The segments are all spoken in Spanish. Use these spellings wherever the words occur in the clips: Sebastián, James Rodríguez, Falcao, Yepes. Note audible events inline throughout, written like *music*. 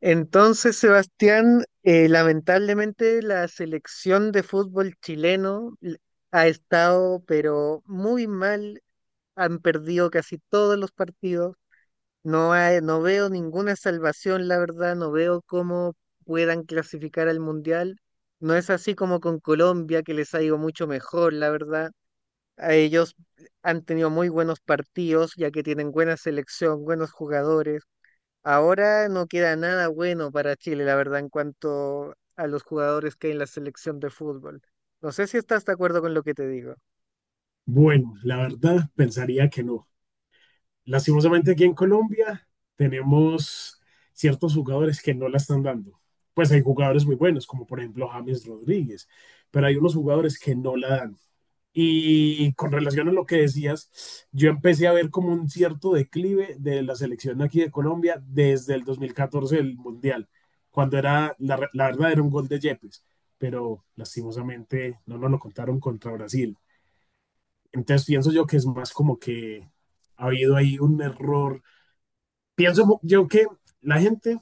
Entonces, Sebastián, lamentablemente la selección de fútbol ha estado, pero muy mal. Han perdido casi todos los partidos. No veo ninguna salvación, la verdad. No veo cómo puedan clasificar al mundial. No es así como con Colombia, que les ha ido mucho mejor, la verdad. A ellos han tenido muy buenos partidos, ya que tienen buena selección, buenos jugadores. Ahora no queda nada bueno para Chile, la verdad, en cuanto a los jugadores que hay en la selección de fútbol. No sé si estás de acuerdo con lo que te digo. Bueno, la verdad pensaría que no. Lastimosamente aquí en Colombia tenemos ciertos jugadores que no la están dando. Pues hay jugadores muy buenos, como por ejemplo James Rodríguez, pero hay unos jugadores que no la dan. Y con relación a lo que decías, yo empecé a ver como un cierto declive de la selección aquí de Colombia desde el 2014 del Mundial, cuando era, la verdad era un gol de Yepes, pero lastimosamente no nos lo contaron contra Brasil. Entonces pienso yo que es más como que ha habido ahí un error. Pienso yo que la gente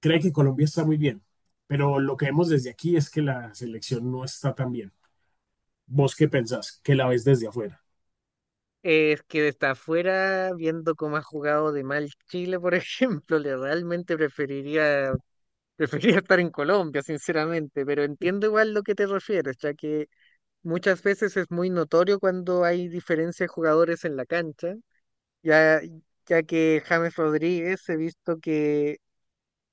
cree que Colombia está muy bien, pero lo que vemos desde aquí es que la selección no está tan bien. ¿Vos qué pensás? Que la ves desde afuera. Es que desde afuera, viendo cómo ha jugado de mal Chile, por *laughs* ejemplo, le realmente *laughs* preferiría estar en Colombia, sinceramente, pero entiendo igual lo que te refieres, ya que muchas veces es muy notorio cuando hay diferencia de jugadores en la cancha, ya, ya que James Rodríguez he visto que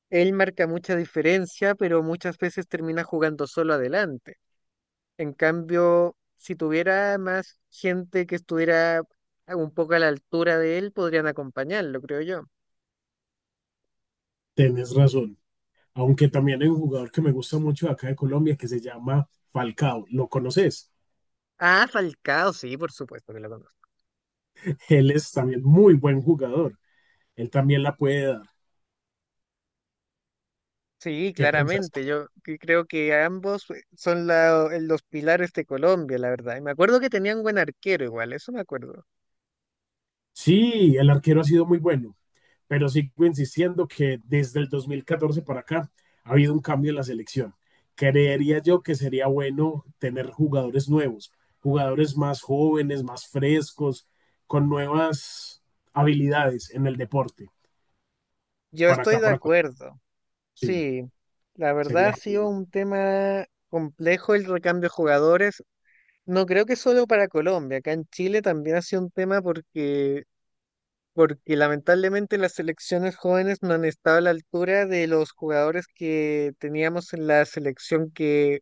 él marca mucha diferencia, pero muchas veces termina jugando solo adelante. En cambio, si tuviera más gente que estuviera un poco a la altura de él, podrían acompañarlo, creo yo. Tenés razón. Aunque también hay un jugador que me gusta mucho de acá de Colombia que se llama Falcao. ¿Lo conoces? Ah, Falcao, sí, por supuesto que lo conozco. *laughs* Él es también muy buen jugador. Él también la puede dar. Sí, ¿Qué pensás? claramente. Creo que ambos son los pilares de Colombia, la verdad. Y me acuerdo que tenían buen arquero igual, eso me acuerdo. Sí, el arquero ha sido muy bueno, pero sigo insistiendo que desde el 2014 para acá ha habido un cambio en la selección. Creería yo que sería bueno tener jugadores nuevos, jugadores más jóvenes, más frescos, con nuevas habilidades en el deporte. Yo estoy de Para acá, acuerdo. sí, Sí, la verdad ha sería sido genial. un tema complejo el recambio de jugadores. No creo que solo para Colombia, acá en Chile también ha sido un tema porque lamentablemente las selecciones jóvenes no han estado a la altura de los jugadores que teníamos en la selección que,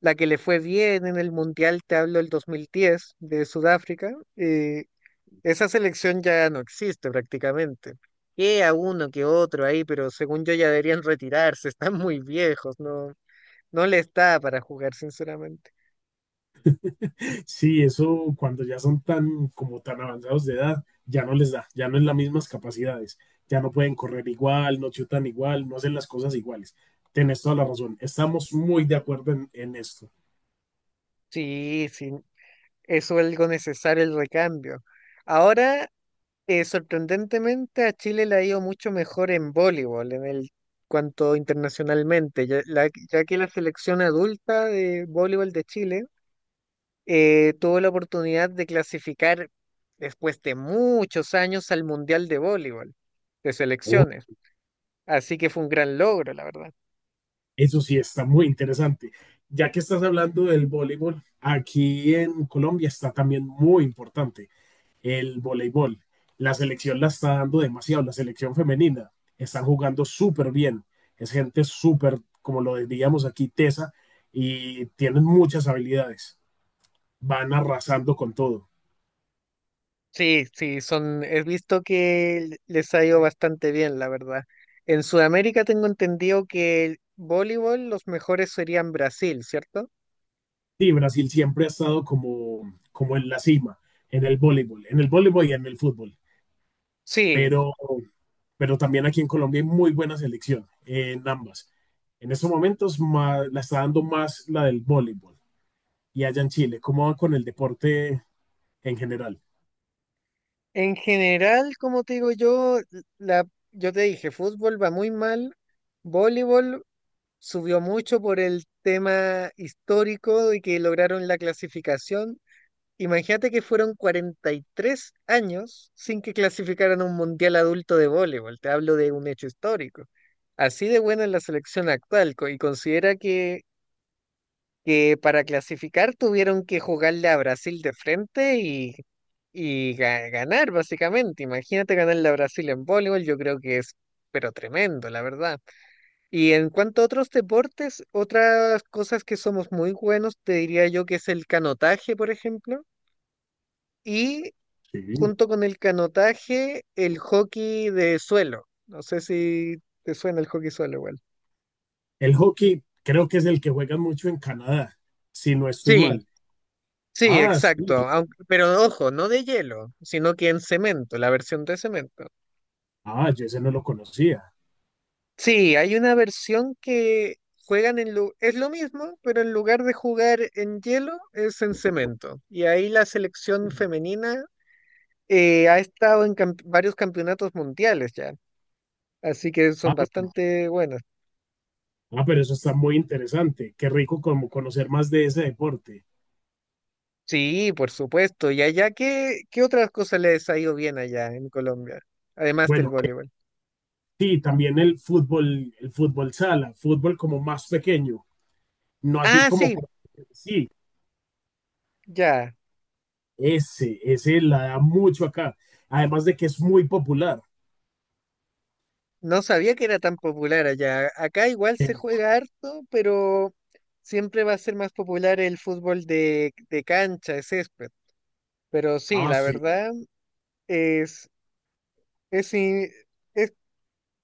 la que le fue bien en el Mundial, te hablo del 2010 de Sudáfrica, esa selección ya no existe prácticamente. Que a uno que otro ahí, pero según yo ya deberían retirarse, *laughs* están muy viejos, no, no le está para jugar, sinceramente. Sí, eso cuando ya son tan como tan avanzados de edad, ya no les da, ya no es las mismas capacidades, ya no pueden correr igual, no chutan igual, no hacen las cosas iguales. Tienes toda la razón, estamos muy de acuerdo en esto. Sí, sí, es algo necesario el recambio. Ahora, sorprendentemente, a Chile le ha ido mucho mejor en voleibol, en el cuanto internacionalmente, ya que la selección adulta de voleibol de Chile tuvo la oportunidad de clasificar después de muchos años al Mundial de Voleibol de Oh, selecciones. Así que fue un gran logro, la verdad. eso sí, está muy interesante. Ya que estás hablando del voleibol, aquí en Colombia está también muy importante el voleibol. La selección la está dando demasiado, la selección femenina. Están jugando súper bien. Es gente súper, como lo diríamos aquí, tesa, y tienen muchas habilidades. Van arrasando con todo. Sí, sí, son, he visto que les ha ido bastante bien, la verdad. En Sudamérica tengo entendido que el voleibol los mejores serían Brasil, ¿cierto? Sí, Brasil siempre ha estado como, como en la cima, en el voleibol y en el fútbol. Sí, Pero, pero también aquí en Colombia hay muy buena selección en ambas. En estos momentos más, la está dando más la del voleibol. Y allá en Chile, ¿cómo va con el deporte en general? en general, como te digo yo, la, yo te dije, fútbol va muy mal, voleibol subió mucho por el tema histórico de que lograron la clasificación. Imagínate que fueron 43 años sin que clasificaran a un mundial adulto de voleibol. Te hablo de un hecho histórico. Así de buena es la selección actual y considera que para clasificar tuvieron que jugarle a Brasil de frente y ganar, básicamente. Imagínate ganarle a Brasil en voleibol, yo creo que es, pero tremendo, la verdad. Y en cuanto a otros deportes, otras cosas que somos muy buenos, te diría yo que es el canotaje, por ejemplo. Y Sí. junto con el canotaje, el hockey de suelo. No sé si te suena el hockey suelo igual. El hockey creo que es el que juegan mucho en Canadá, si no estoy Sí, mal. sí, Ah, sí. exacto. Pero ojo, no de hielo, sino que en cemento, la versión de cemento. Ah, yo ese no lo conocía. Sí, hay una versión que Es lo mismo, pero en lugar de jugar en hielo, es en cemento. Y ahí la selección femenina ha estado en varios campeonatos mundiales ya. Así que son Ah, bastante buenas. ah, pero eso está muy interesante. Qué rico como conocer más de ese deporte. Sí, por supuesto. ¿Y allá qué otras cosas les ha ido bien allá en Colombia? Además del Bueno, voleibol. sí, también el fútbol sala, fútbol como más pequeño, no así Ah, como sí, sí, ya. ese la da mucho acá. Además de que es muy popular. No sabía que era tan popular allá. Acá igual Eh, se juega harto, pero siempre va a ser más popular el fútbol de cancha, de césped. Pero sí, Ah, la sí. verdad es, es, i- es-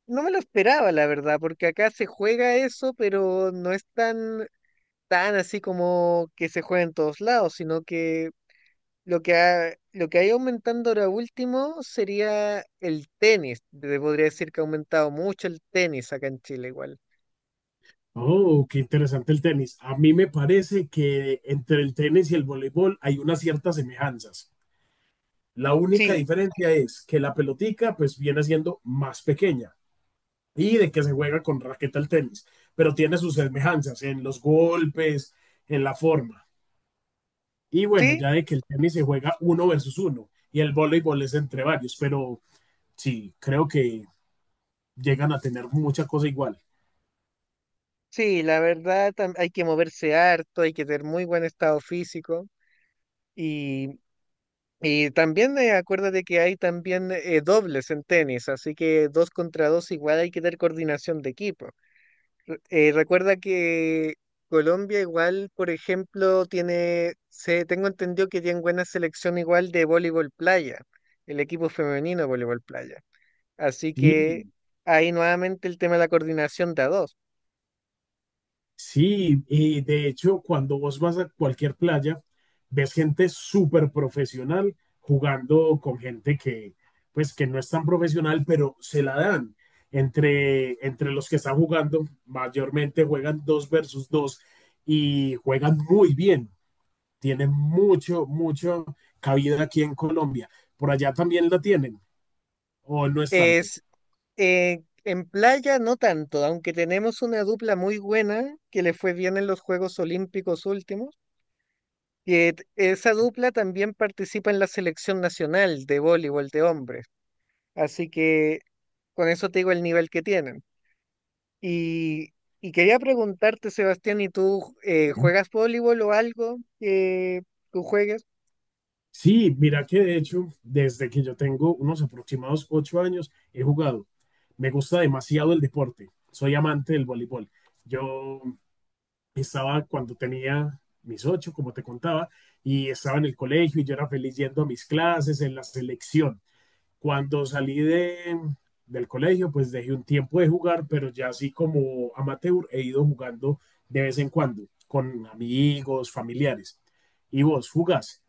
no me lo esperaba, la verdad, porque acá se juega eso, pero no es tan así como que se juega en todos lados, sino que lo que ha ido aumentando ahora último sería el tenis. Te podría decir que ha aumentado mucho el tenis acá en Chile igual. Oh, qué interesante el tenis. A mí me parece que entre el tenis y el voleibol hay unas ciertas semejanzas. La única Sí, diferencia es que la pelotica pues viene siendo más pequeña y de que se juega con raqueta el tenis, pero tiene sus semejanzas en los golpes, en la forma. Y bueno, sí, ya de que el tenis se juega uno versus uno y el voleibol es entre varios, pero sí, creo que llegan a tener mucha cosa igual. sí, la verdad hay que moverse harto, hay que tener muy buen estado físico y, y también acuérdate que hay también dobles en tenis, así que dos contra dos igual hay que tener coordinación de equipo. Recuerda que Colombia igual, por ejemplo, tengo entendido que tiene buena selección igual de voleibol playa, el equipo femenino de voleibol playa. Así Sí, que ahí nuevamente el tema de la coordinación de a dos. sí, y de hecho, cuando vos vas a cualquier playa, ves gente súper profesional jugando con gente que, pues, que no es tan profesional, pero se la dan. Entre los que están jugando, mayormente juegan dos versus dos y juegan muy bien. Tienen mucho, mucho cabida aquí en Colombia. Por allá también la tienen, o no es tanto. Es, en playa no tanto, aunque tenemos una dupla muy buena que le fue bien en los Juegos Olímpicos últimos, esa dupla también participa en la selección nacional de voleibol de hombres. Así que con eso te digo el nivel que tienen. Y, y quería preguntarte, Sebastián, ¿y tú juegas voleibol o algo que tú juegues? Sí, mira que de hecho, desde que yo tengo unos aproximados 8 años, he jugado. Me gusta demasiado el deporte. Soy amante del voleibol. Yo estaba cuando tenía mis ocho, como te contaba, y estaba en el colegio y yo era feliz yendo a mis clases, en la selección. Cuando salí del colegio, pues dejé un tiempo de jugar, pero ya así como amateur he ido jugando de vez en cuando con amigos, familiares. ¿Y vos jugás?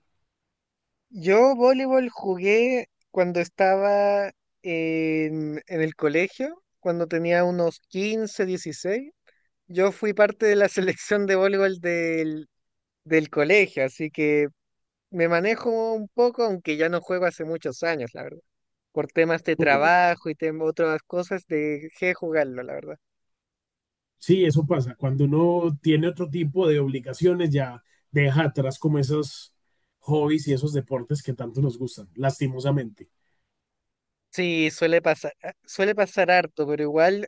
Yo voleibol jugué cuando estaba en el colegio, cuando tenía unos 15 16. Yo fui parte de la *laughs* selección de voleibol del colegio, así que me manejo un poco, aunque ya no juego hace muchos años, la verdad. Por temas de trabajo y otras cosas, dejé de jugarlo, la verdad. Sí, eso pasa. Cuando uno tiene otro tipo de obligaciones, ya deja atrás como esos hobbies y esos deportes que tanto nos gustan, lastimosamente. Sí, suele pasar, ah, suele pasar harto, pero igual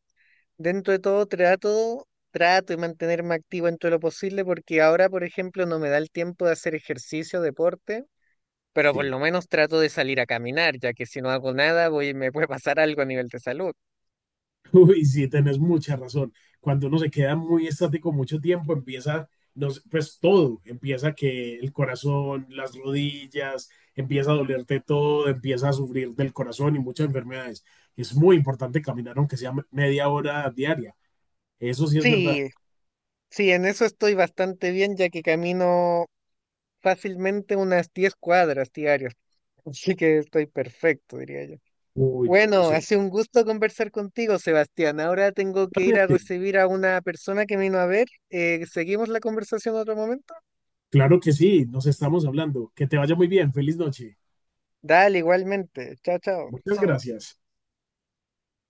dentro de todo trato de mantenerme activo en todo lo posible porque ahora, por ejemplo, no me da el tiempo de hacer ejercicio, deporte, pero por Sí. lo menos trato de salir a caminar, ya que si no hago nada, voy, me puede pasar algo a nivel de salud. *laughs* Uy, sí, tenés mucha razón. Cuando uno se queda muy estático mucho tiempo, empieza, no sé, pues todo, empieza que el corazón, las rodillas, empieza a dolerte todo, empieza a sufrir del corazón y muchas enfermedades. Es muy importante caminar, aunque sea media hora diaria. Eso sí es verdad. Sí, sí, en eso estoy bastante bien, ya que camino fácilmente unas 10 cuadras diarias, *laughs* así que estoy perfecto, diría yo. Uy, no, Bueno, ha sería... sido un gusto conversar contigo, Sebastián. Ahora tengo que ir a recibir a una persona que me vino a ver. ¿Seguimos la conversación en otro momento? Claro que sí, nos estamos hablando. Que te vaya muy bien. Feliz noche. Dale, igualmente. Chao, chao. Muchas gracias.